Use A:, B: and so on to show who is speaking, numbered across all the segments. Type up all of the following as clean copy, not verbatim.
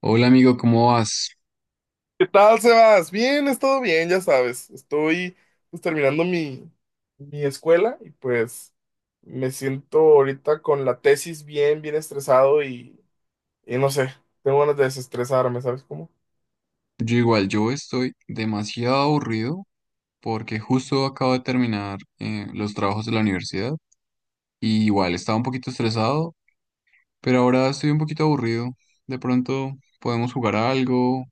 A: Hola amigo, ¿cómo vas?
B: ¿Qué tal, Sebas? Bien, es todo bien, ya sabes. Estoy pues, terminando mi escuela y pues me siento ahorita con la tesis bien, bien estresado y no sé, tengo ganas de desestresarme, ¿sabes cómo?
A: Yo igual, yo estoy demasiado aburrido porque justo acabo de terminar los trabajos de la universidad y igual estaba un poquito estresado, pero ahora estoy un poquito aburrido. De pronto podemos jugar a algo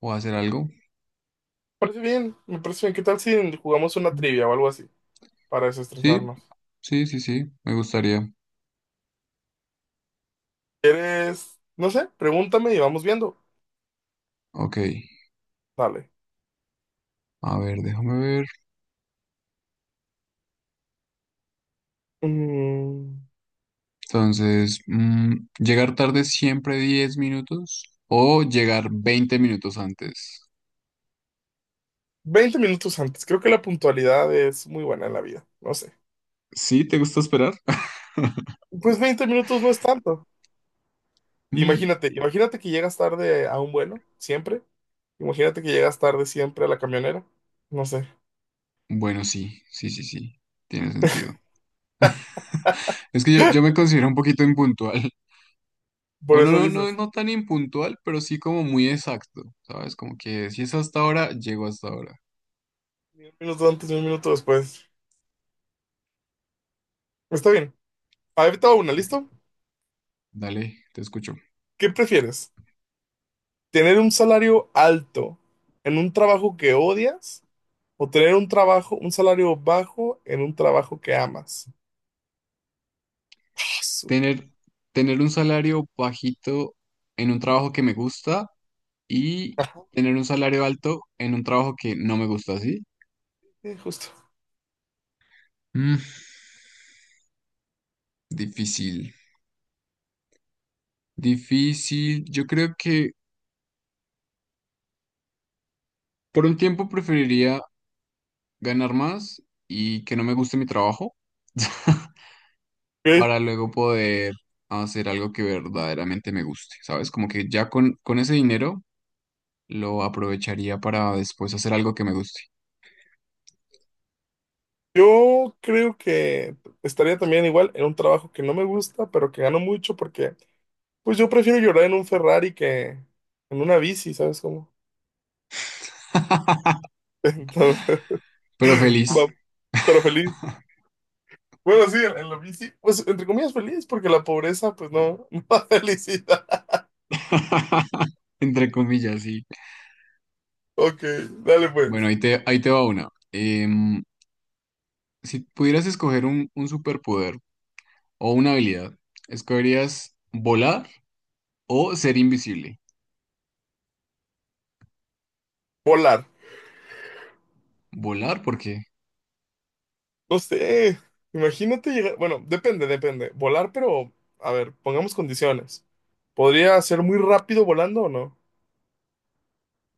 A: o hacer algo.
B: Me parece bien, me parece bien. ¿Qué tal si jugamos una trivia o algo así para
A: Sí,
B: desestresarnos?
A: sí, sí, sí, me gustaría.
B: ¿Quieres? No sé, pregúntame y vamos viendo.
A: Ok,
B: Dale.
A: a ver, déjame ver.
B: Mm,
A: Entonces, llegar tarde siempre 10 minutos o llegar 20 minutos antes.
B: 20 minutos antes. Creo que la puntualidad es muy buena en la vida. No sé.
A: ¿Sí? ¿Te gusta esperar?
B: Pues 20 minutos no es tanto. Imagínate, imagínate que llegas tarde a un vuelo, siempre. Imagínate que llegas tarde siempre a la camionera. No sé.
A: Bueno, sí, sí, sí, sí, tiene sentido. Es que yo me considero un poquito impuntual. O
B: Por
A: no,
B: eso
A: no, no,
B: dices,
A: no tan impuntual, pero sí como muy exacto, ¿sabes? Como que si es hasta ahora, llego hasta ahora.
B: ni un minuto antes, ni un minuto después. Está bien. Ahí te va una, ¿listo?
A: Dale, te escucho.
B: ¿Qué prefieres? ¿Tener un salario alto en un trabajo que odias o tener un trabajo, un salario bajo en un trabajo que amas? Su-
A: Tener, tener un salario bajito en un trabajo que me gusta y tener un salario alto en un trabajo que no me gusta, ¿sí?
B: Justo.
A: Mm, difícil, difícil. Yo creo que por un tiempo preferiría ganar más y que no me guste mi trabajo
B: Ok.
A: para luego poder hacer algo que verdaderamente me guste, ¿sabes? Como que ya con ese dinero lo aprovecharía para después hacer algo que me guste,
B: Yo creo que estaría también igual en un trabajo que no me gusta, pero que gano mucho porque pues yo prefiero llorar en un Ferrari que en una bici, ¿sabes cómo? Entonces,
A: pero feliz,
B: va- pero feliz. Bueno, sí, en la bici, pues entre comillas feliz, porque la pobreza, pues no, no da felicidad.
A: entre comillas, sí.
B: Ok, dale
A: Bueno,
B: pues.
A: ahí te va una. Si pudieras escoger un superpoder o una habilidad, ¿escogerías volar o ser invisible?
B: Volar.
A: Volar porque
B: No sé, imagínate llegar, bueno, depende, depende. Volar, pero, a ver, pongamos condiciones. ¿Podría ser muy rápido volando o no?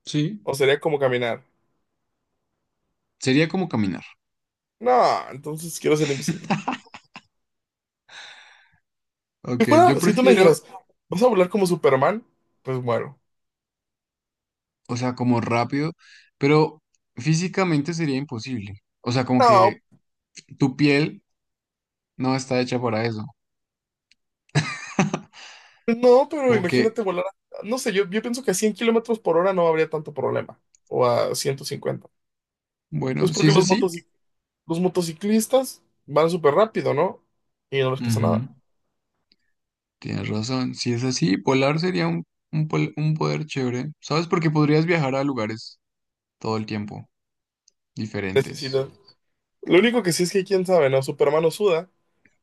A: sí,
B: ¿O sería como caminar?
A: sería como caminar.
B: No, entonces quiero ser invisible.
A: Ok,
B: Si
A: yo
B: fuera, si tú me
A: prefiero
B: dijeras, ¿vas a volar como Superman? Pues muero.
A: o sea, como rápido, pero físicamente sería imposible. O sea, como
B: No,
A: que tu piel no está hecha para eso.
B: no, pero
A: Como
B: imagínate
A: que,
B: volar, no sé, yo pienso que a 100 kilómetros por hora no habría tanto problema, o a 150.
A: bueno,
B: Pues
A: si
B: porque
A: es así,
B: los motociclistas van súper rápido, ¿no? Y no les pasa
A: ujú,
B: nada.
A: tienes razón. Si es así, volar sería un poder chévere, ¿sabes? Porque podrías viajar a lugares todo el tiempo, diferentes.
B: Necesidad. Lo único que sí es que quién sabe, ¿no? Superman no suda,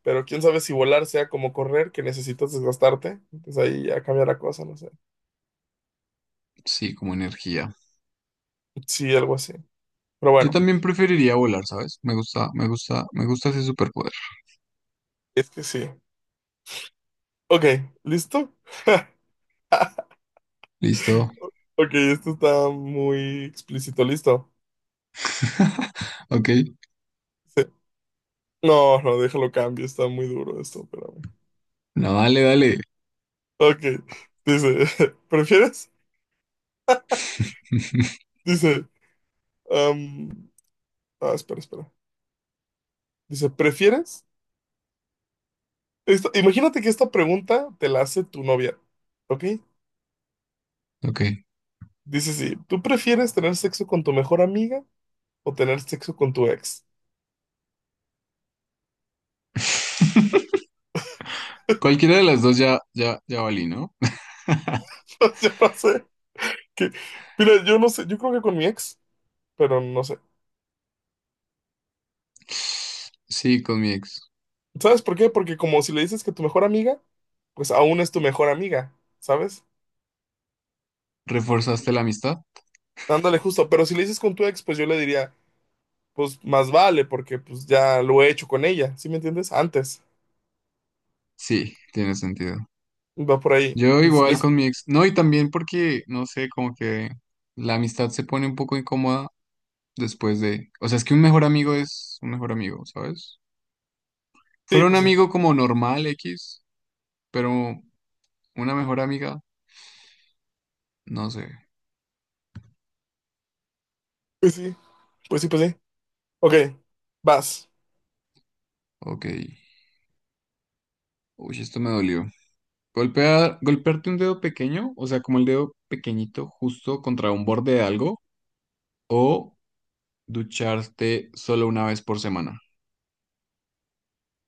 B: pero quién sabe si volar sea como correr, que necesitas desgastarte. Entonces ahí ya cambia la cosa, no sé.
A: Sí, como energía.
B: Sí, algo así. Pero
A: Yo
B: bueno,
A: también preferiría volar, ¿sabes? Me gusta, me gusta, me gusta ese superpoder.
B: es que sí. Ok, ¿listo?
A: Listo.
B: Ok, esto está muy explícito, ¿listo?
A: Ok.
B: Sí. No, no, déjalo cambio, está muy duro esto, espérame.
A: No, dale, dale.
B: Ok, dice, ¿prefieres? Dice, am, espera, espera. Dice, ¿prefieres? Imagínate que esta pregunta te la hace tu novia, ¿ok?
A: Ok.
B: Dice, sí, ¿tú prefieres tener sexo con tu mejor amiga o tener sexo con tu ex?
A: Cualquiera de las dos ya, ya, ya valí, ¿no?
B: Yo no sé, que, mira, yo no sé, yo creo que con mi ex, pero no sé.
A: Sí, con mi ex.
B: ¿Sabes por qué? Porque como si le dices que tu mejor amiga, pues aún es tu mejor amiga, ¿sabes?
A: ¿Reforzaste la amistad?
B: Ándale, justo, pero si le dices con tu ex, pues yo le diría, pues más vale, porque pues ya lo he hecho con ella, ¿sí me entiendes? Antes,
A: Sí, tiene sentido.
B: va por ahí.
A: Yo
B: Y si
A: igual
B: les...
A: con mi ex. No, y también porque, no sé, como que la amistad se pone un poco incómoda después de... O sea, es que un mejor amigo es un mejor amigo, ¿sabes?
B: Sí,
A: Fuera un
B: pues sí,
A: amigo como normal X, pero una mejor amiga, no sé.
B: pues sí, pues sí, pues sí. Ok, vas.
A: Ok. Uy, esto me dolió. Golpearte un dedo pequeño, o sea, como el dedo pequeñito justo contra un borde de algo, o ducharte solo una vez por semana.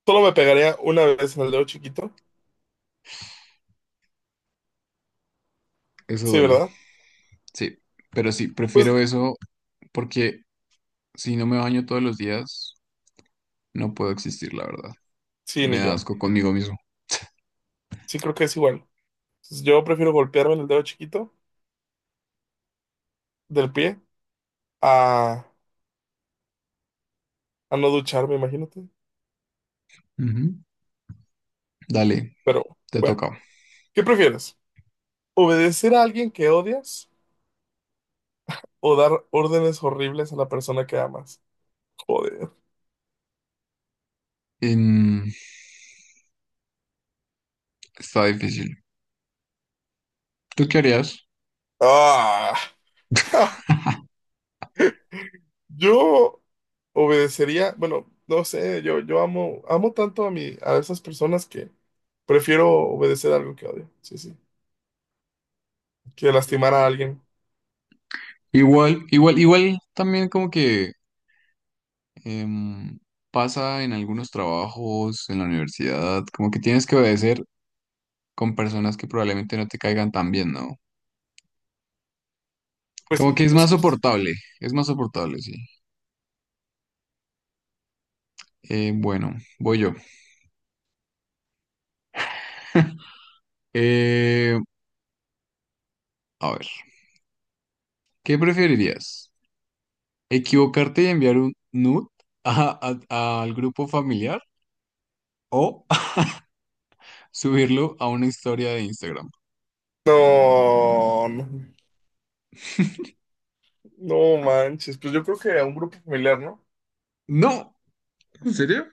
B: Solo me pegaría una vez en el dedo chiquito.
A: Eso
B: Sí,
A: duele.
B: ¿verdad?
A: Sí, pero sí,
B: Pues
A: prefiero eso porque si no me baño todos los días, no puedo existir, la verdad.
B: sí,
A: Me
B: ni
A: da
B: yo.
A: asco conmigo mismo.
B: Sí, creo que es igual. Entonces, yo prefiero golpearme en el dedo chiquito del pie a, a no ducharme, imagínate.
A: Ujú. Dale,
B: Pero
A: te
B: bueno,
A: toca.
B: ¿qué prefieres? ¿Obedecer a alguien que odias o dar órdenes horribles a la persona que amas? Joder.
A: Em, Está difícil. ¿Tú qué harías?
B: Ah, yo obedecería, bueno, no sé, yo amo, amo tanto a esas personas que prefiero obedecer algo que odio, sí, sí, que lastimar a
A: Mm,
B: alguien.
A: Igual, igual, igual también como que Em, pasa en algunos trabajos en la universidad, como que tienes que obedecer con personas que probablemente no te caigan tan bien, ¿no?
B: Pues
A: Como
B: sí,
A: que
B: es justo.
A: es más soportable, sí. Bueno, voy yo. Eh, a ver, ¿qué preferirías? ¿Equivocarte y enviar un nude a- al grupo familiar o subirlo a una historia de Instagram?
B: No, no, no manches, pues yo creo que a un grupo familiar, ¿no?
A: No, ¿en serio?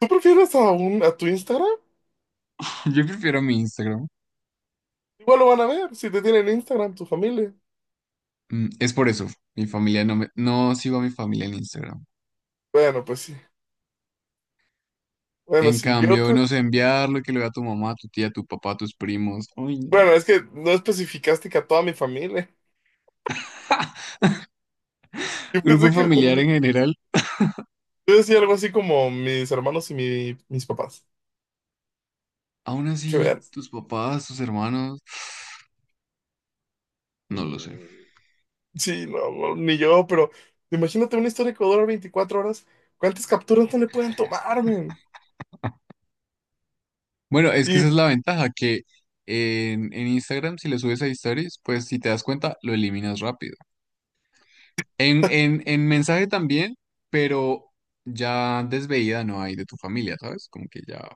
B: ¿Tú prefieres a un, a tu Instagram?
A: Yo prefiero mi Instagram.
B: Igual lo van a ver, si te tienen Instagram, tu familia.
A: Es por eso, mi familia no me, no sigo a mi familia en Instagram.
B: Bueno, pues sí. Bueno,
A: En
B: sí, yo
A: cambio,
B: creo,
A: no sé, enviarlo y que lo vea tu mamá, tu tía, tu papá, tus primos. Uy, no.
B: bueno, es que no especificaste que a toda mi familia. Yo
A: Grupo
B: pensé que...
A: familiar en general.
B: Yo decía algo así como mis hermanos y mis papás.
A: Aún
B: Que
A: así,
B: veas.
A: tus papás, tus hermanos, no lo sé.
B: Mm, sí, no, no, ni yo, pero imagínate una historia que dura 24 horas. ¿Cuántas capturas no le pueden tomar, men?
A: Bueno, es que
B: Y
A: esa es la ventaja, que en Instagram, si le subes a stories, pues si te das cuenta, lo eliminas rápido. En mensaje también, pero ya desveída no hay de tu familia, ¿sabes? Como que ya,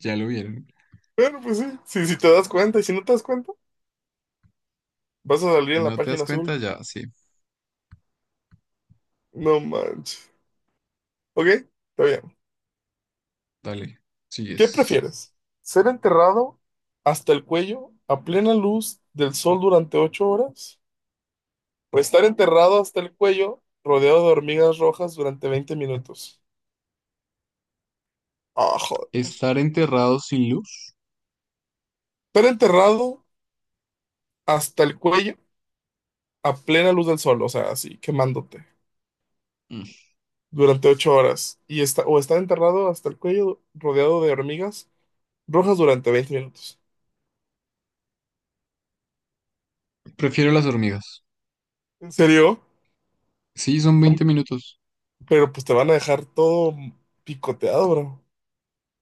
A: ya lo vieron.
B: bueno, pues sí, sí si te das cuenta, y si no te das cuenta, vas a salir
A: Si
B: en la
A: no te das
B: página
A: cuenta,
B: azul.
A: ya, sí,
B: No manches. Ok, está bien.
A: dale,
B: ¿Qué
A: sigues.
B: prefieres? ¿Ser enterrado hasta el cuello a plena luz del sol durante 8 horas? ¿O estar enterrado hasta el cuello rodeado de hormigas rojas durante 20 minutos? Ah, joder.
A: Estar enterrado sin luz.
B: Estar enterrado hasta el cuello a plena luz del sol, o sea, así, quemándote
A: Mm.
B: durante 8 horas. Y está, o estar enterrado hasta el cuello rodeado de hormigas rojas durante 20 minutos.
A: Prefiero las hormigas.
B: ¿En serio?
A: Sí, son 20 minutos.
B: Pero pues te van a dejar todo picoteado, bro.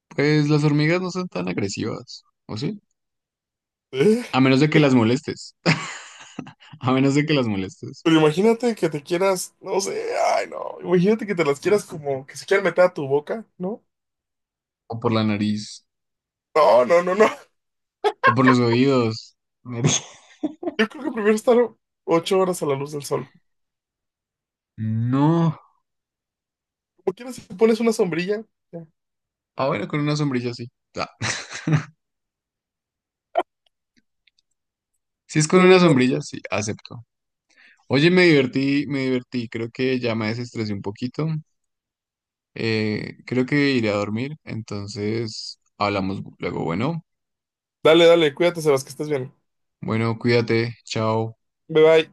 A: Pues las hormigas no son tan agresivas, ¿o sí?
B: ¿Eh?
A: A menos de que las molestes. A menos de que las molestes.
B: Pero imagínate que te quieras, no sé, ay no, imagínate que te las quieras como que se quieran meter a tu boca, ¿no?
A: O por la nariz.
B: No, no, no, no.
A: O por los oídos. Nariz.
B: Yo creo que prefiero estar 8 horas a la luz del sol.
A: No.
B: Como quieras, si te pones una sombrilla, ya.
A: Ah, bueno, con una sombrilla sí. Ah, si es con
B: Pero
A: una
B: bueno.
A: sombrilla, sí, acepto. Oye, me divertí, me divertí. Creo que ya me desestresé un poquito. Creo que iré a dormir. Entonces, hablamos luego. Bueno,
B: Dale, dale, cuídate, Sebas, que estés bien.
A: bueno, cuídate. Chao.
B: Bye bye.